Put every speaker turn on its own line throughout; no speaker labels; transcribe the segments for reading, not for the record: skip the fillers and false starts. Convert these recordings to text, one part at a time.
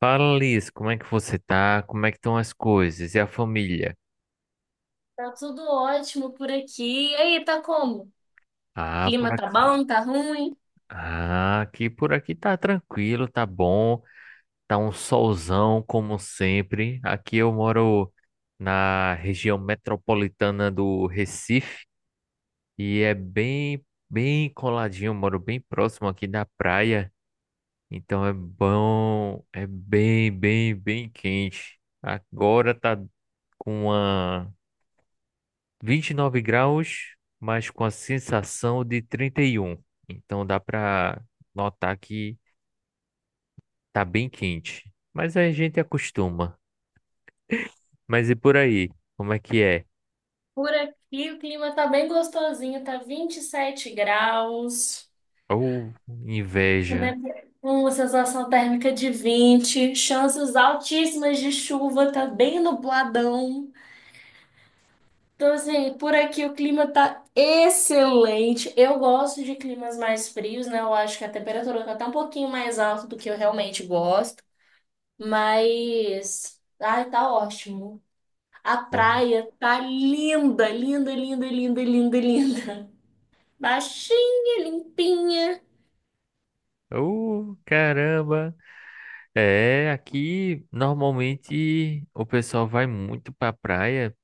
Fala, Liz, como é que você tá? Como é que estão as coisas? E a família?
Tá tudo ótimo por aqui. E aí, tá como?
Ah, por
Clima tá
aqui.
bom, tá ruim?
Ah, aqui por aqui tá tranquilo, tá bom. Tá um solzão, como sempre. Aqui eu moro na região metropolitana do Recife e é bem, bem coladinho. Eu moro bem próximo aqui da praia, então é bom, é bem, bem, bem quente. Agora tá com uma. 29 graus, mas com a sensação de 31. Então dá para notar que tá bem quente. Mas a gente acostuma. Mas e por aí? Como é que é?
Por aqui o clima tá bem gostosinho, tá 27 graus,
Ou inveja.
né? Uma sensação térmica de 20, chances altíssimas de chuva, tá bem nubladão. Então, assim, por aqui o clima tá excelente. Eu gosto de climas mais frios, né? Eu acho que a temperatura tá até um pouquinho mais alta do que eu realmente gosto, mas. Ai, tá ótimo. A
Ou
praia tá linda, linda, linda, linda, linda, linda. Baixinha, limpinha.
ou, caramba. É, aqui normalmente o pessoal vai muito pra praia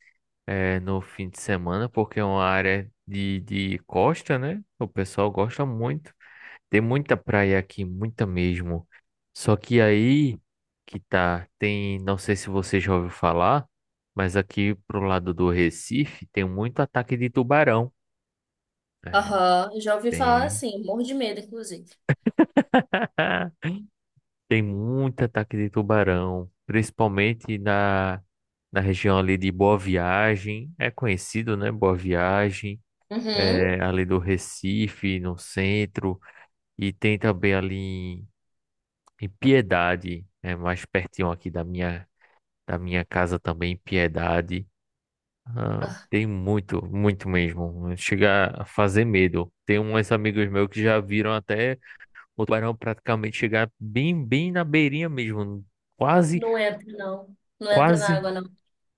é, no fim de semana, porque é uma área de costa, né? O pessoal gosta muito. Tem muita praia aqui, muita mesmo. Só que aí que tá, tem, não sei se você já ouviu falar, mas aqui pro lado do Recife tem muito ataque de tubarão. É,
Aham, já ouvi falar,
tem.
assim, morro de medo, inclusive.
Tem muito ataque de tubarão, principalmente na região ali de Boa Viagem. É conhecido, né? Boa Viagem,
Uhum.
é, ali do Recife, no centro, e tem também ali em Piedade, é mais pertinho aqui da minha casa também, Piedade. Ah,
Ah,
tem muito, muito mesmo. Chega a fazer medo. Tem uns amigos meus que já viram até o tubarão praticamente chegar bem, bem na beirinha mesmo. Quase,
não entra, não. Não entra na
quase,
água, não.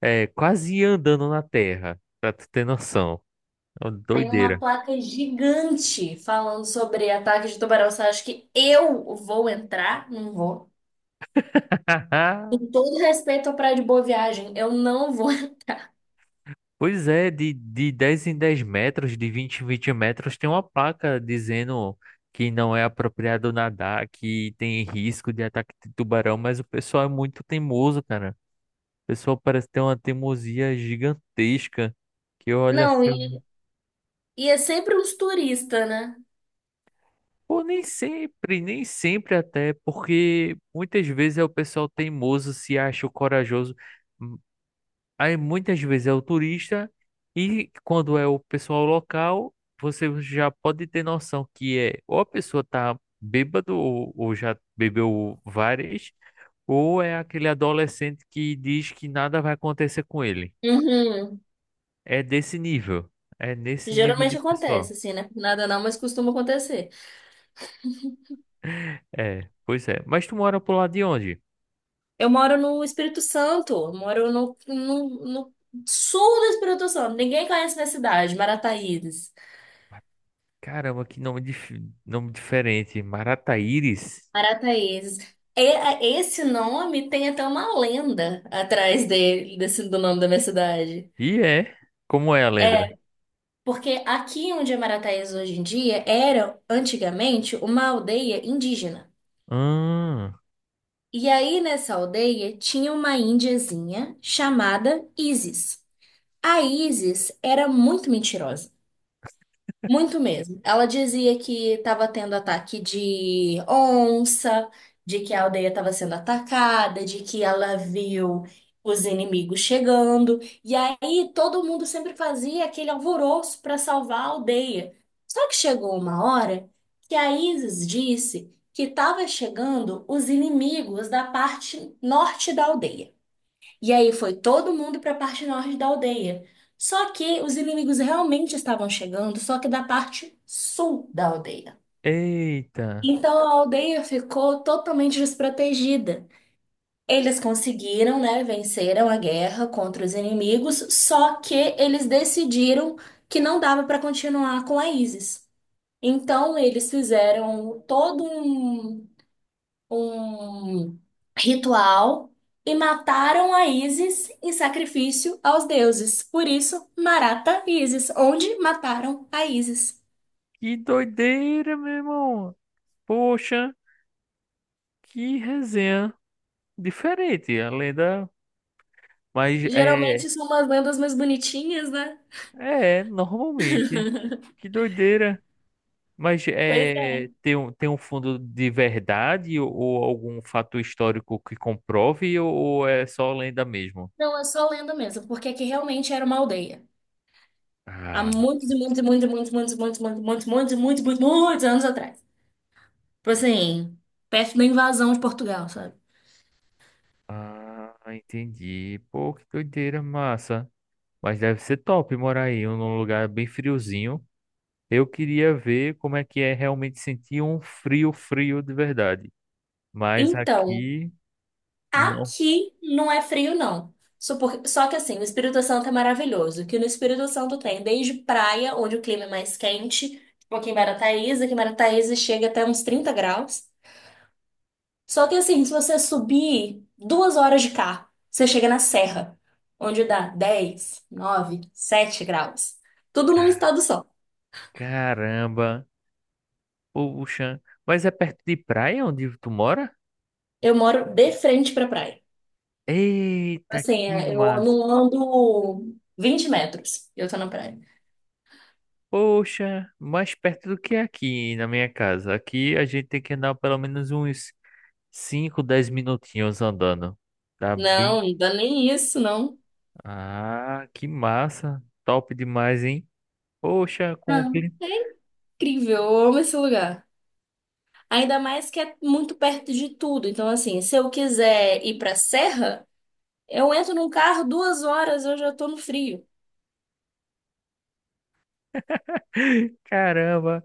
quase andando na terra, pra tu ter noção. É uma
Tem uma
doideira.
placa gigante falando sobre ataque de tubarão. Você acha que eu vou entrar? Não vou. Com todo respeito à Praia de Boa Viagem, eu não vou.
Pois é, de 10 em 10 metros, de 20 em 20 metros, tem uma placa dizendo que não é apropriado nadar, que tem risco de ataque de tubarão, mas o pessoal é muito teimoso, cara. O pessoal parece ter uma teimosia gigantesca, que olha assim,
Não, e é sempre uns turistas, né?
pô, nem sempre, nem sempre até, porque muitas vezes é o pessoal teimoso, se acha o corajoso. Aí muitas vezes é o turista e quando é o pessoal local, você já pode ter noção que é ou a pessoa tá bêbado ou já bebeu várias, ou é aquele adolescente que diz que nada vai acontecer com ele.
Uhum.
É desse nível. É nesse nível de
Geralmente acontece,
pessoal.
assim, né? Nada não, mas costuma acontecer.
É, pois é. Mas tu mora pro lado de onde?
Eu moro no Espírito Santo, eu moro no sul do Espírito Santo. Ninguém conhece minha cidade, Marataízes.
Caramba, que nome, nome diferente. Marataíris?
Marataízes. Esse nome tem até uma lenda atrás dele, desse, do nome da minha cidade.
E é. Como é a lenda?
Porque aqui onde é Marataízes hoje em dia era, antigamente, uma aldeia indígena.
Ah,
E aí nessa aldeia tinha uma índiazinha chamada Isis. A Isis era muito mentirosa. Muito mesmo. Ela dizia que estava tendo ataque de onça, de que a aldeia estava sendo atacada, de que ela viu os inimigos chegando. E aí todo mundo sempre fazia aquele alvoroço para salvar a aldeia. Só que chegou uma hora que a Isis disse que estava chegando os inimigos da parte norte da aldeia. E aí foi todo mundo para a parte norte da aldeia. Só que os inimigos realmente estavam chegando, só que da parte sul da aldeia.
eita.
Então a aldeia ficou totalmente desprotegida. Eles conseguiram, né, venceram a guerra contra os inimigos, só que eles decidiram que não dava para continuar com a ISIS. Então eles fizeram todo um ritual e mataram a Ísis em sacrifício aos deuses. Por isso, Marata e Ísis, onde mataram a Ísis.
Que doideira, meu irmão. Poxa, que resenha diferente, a lenda. Mas é,
Geralmente são umas lendas mais bonitinhas, né?
é, normalmente. Que doideira. Mas
Pois é.
é, tem um fundo de verdade ou algum fato histórico que comprove ou é só lenda mesmo?
Não, é só lenda mesmo, porque aqui realmente era uma aldeia. Há
Ah,
muitos e muitos e muitos e muitos e muitos e muitos e muitos e muitos e muitos e muitos muitos anos atrás. Tipo assim, perto da invasão de Portugal, sabe?
ah, entendi. Pô, que doideira, massa. Mas deve ser top morar aí num lugar bem friozinho. Eu queria ver como é que é realmente sentir um frio, frio de verdade. Mas
Então,
aqui, não.
aqui não é frio, não. Só que, assim, o Espírito Santo é maravilhoso. Que no Espírito Santo tem desde praia, onde o clima é mais quente, tipo aqui em Marataízes chega até uns 30 graus. Só que, assim, se você subir 2 horas de carro, você chega na serra, onde dá 10, 9, 7 graus. Tudo num estado só.
Caramba. Puxa. Mas é perto de praia onde tu mora?
Eu moro de frente pra praia.
Eita,
Assim,
que
é, eu
massa.
não ando 20 metros, eu tô na praia.
Poxa, mais perto do que aqui na minha casa. Aqui a gente tem que andar pelo menos uns 5, 10 minutinhos andando. Tá bem?
Não, não dá nem isso, não.
Ah, que massa. Top demais, hein? Poxa, com o
Não,
que?
é incrível, eu amo esse lugar. Ainda mais que é muito perto de tudo. Então, assim, se eu quiser ir pra serra, eu entro num carro 2 horas, eu já tô no frio.
Caramba,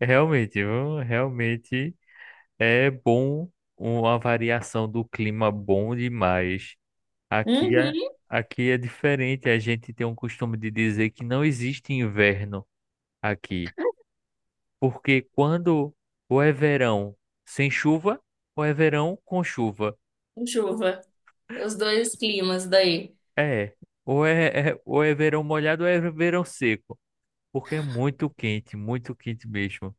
realmente, viu? Realmente é bom uma variação do clima bom demais. Aqui é,
Uhum,
aqui é diferente, a gente tem um costume de dizer que não existe inverno aqui, porque quando ou é verão sem chuva, ou é verão com chuva.
com chuva. Os dois climas daí.
É, ou é verão molhado ou é verão seco, porque é muito quente mesmo.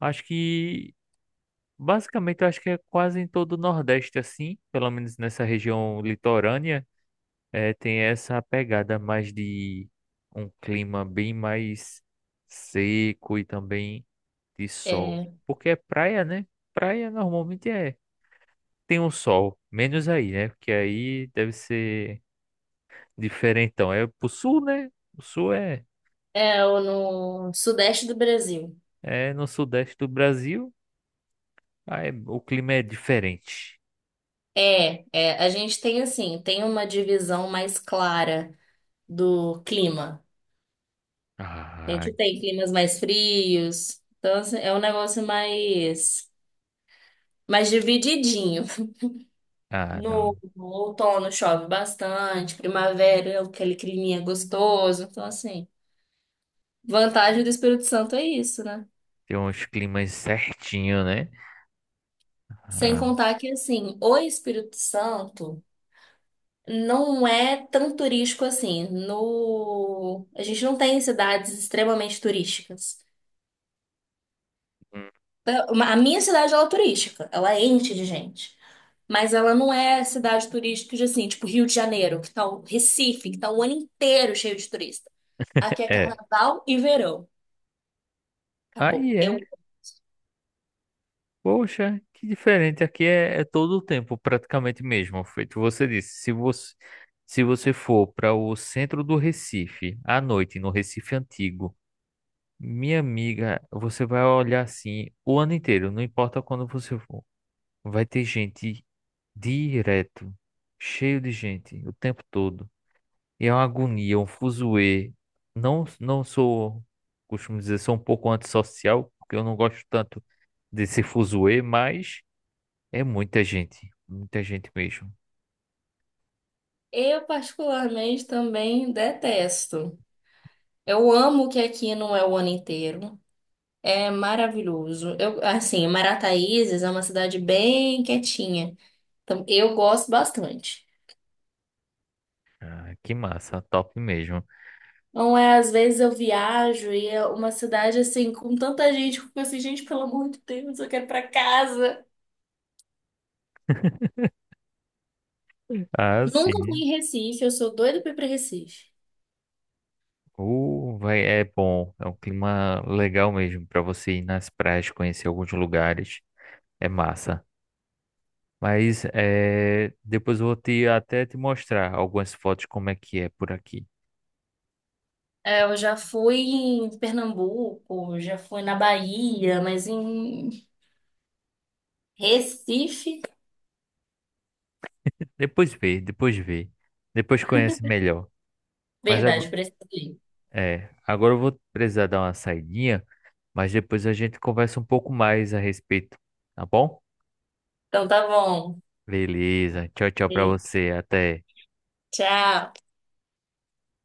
Acho que Basicamente, eu acho que é quase em todo o Nordeste assim, pelo menos nessa região litorânea, é, tem essa pegada mais de um clima bem mais seco e também de sol.
É,
Porque é praia, né? Praia normalmente é tem um sol, menos aí, né? Porque aí deve ser diferentão. É pro sul, né? O sul é,
é o no sudeste do Brasil.
é no sudeste do Brasil, aí o clima é diferente.
É, é, a gente tem assim, tem uma divisão mais clara do clima. A
Ah,
gente tem climas mais frios. Então, assim, é um negócio mais divididinho.
ah,
No
não.
outono chove bastante, primavera é aquele climinha gostoso. Então, assim, vantagem do Espírito Santo é isso, né?
Tem uns climas certinho, né?
Sem
Ah,
contar que, assim, o Espírito Santo não é tão turístico assim. No... A gente não tem cidades extremamente turísticas. A minha cidade, ela é turística, ela é enche de gente. Mas ela não é cidade turística, de, assim, tipo Rio de Janeiro, que tá o Recife, que tá o ano inteiro cheio de turista. Aqui é
é.
carnaval e verão. Acabou.
Aí é.
Eu,
Poxa, que diferente. Aqui é todo o tempo, praticamente mesmo. Feito você disse. Se você for para o centro do Recife, à noite, no Recife Antigo, minha amiga, você vai olhar assim o ano inteiro, não importa quando você for. Vai ter gente direto, cheio de gente, o tempo todo. E é uma agonia, é um fuzuê. Não, não sou, costumo dizer, sou um pouco antissocial, porque eu não gosto tanto desse fuzuê, mas é muita gente mesmo.
eu particularmente também detesto. Eu amo que aqui não é o ano inteiro. É maravilhoso. Eu, assim, Marataízes é uma cidade bem quietinha. Então, eu gosto bastante.
Ah, que massa, top mesmo.
Não é, às vezes eu viajo e é uma cidade assim, com tanta gente, eu fico assim, gente, pelo amor de Deus, eu quero ir pra casa.
Ah,
Nunca fui
sim.
em Recife, eu sou doida pra ir pra Recife.
Vai, é bom, é um clima legal mesmo para você ir nas praias, conhecer alguns lugares. É massa. Mas é, depois eu vou até te mostrar algumas fotos como é que é por aqui.
É, eu já fui em Pernambuco, já fui na Bahia, mas em Recife?
Depois vê, depois vê. Depois conhece melhor. Mas agora,
Verdade, preciso ir.
é, agora eu vou precisar dar uma saidinha, mas depois a gente conversa um pouco mais a respeito, tá bom?
Então tá bom.
Beleza. Tchau, tchau pra
E
você. Até.
tchau.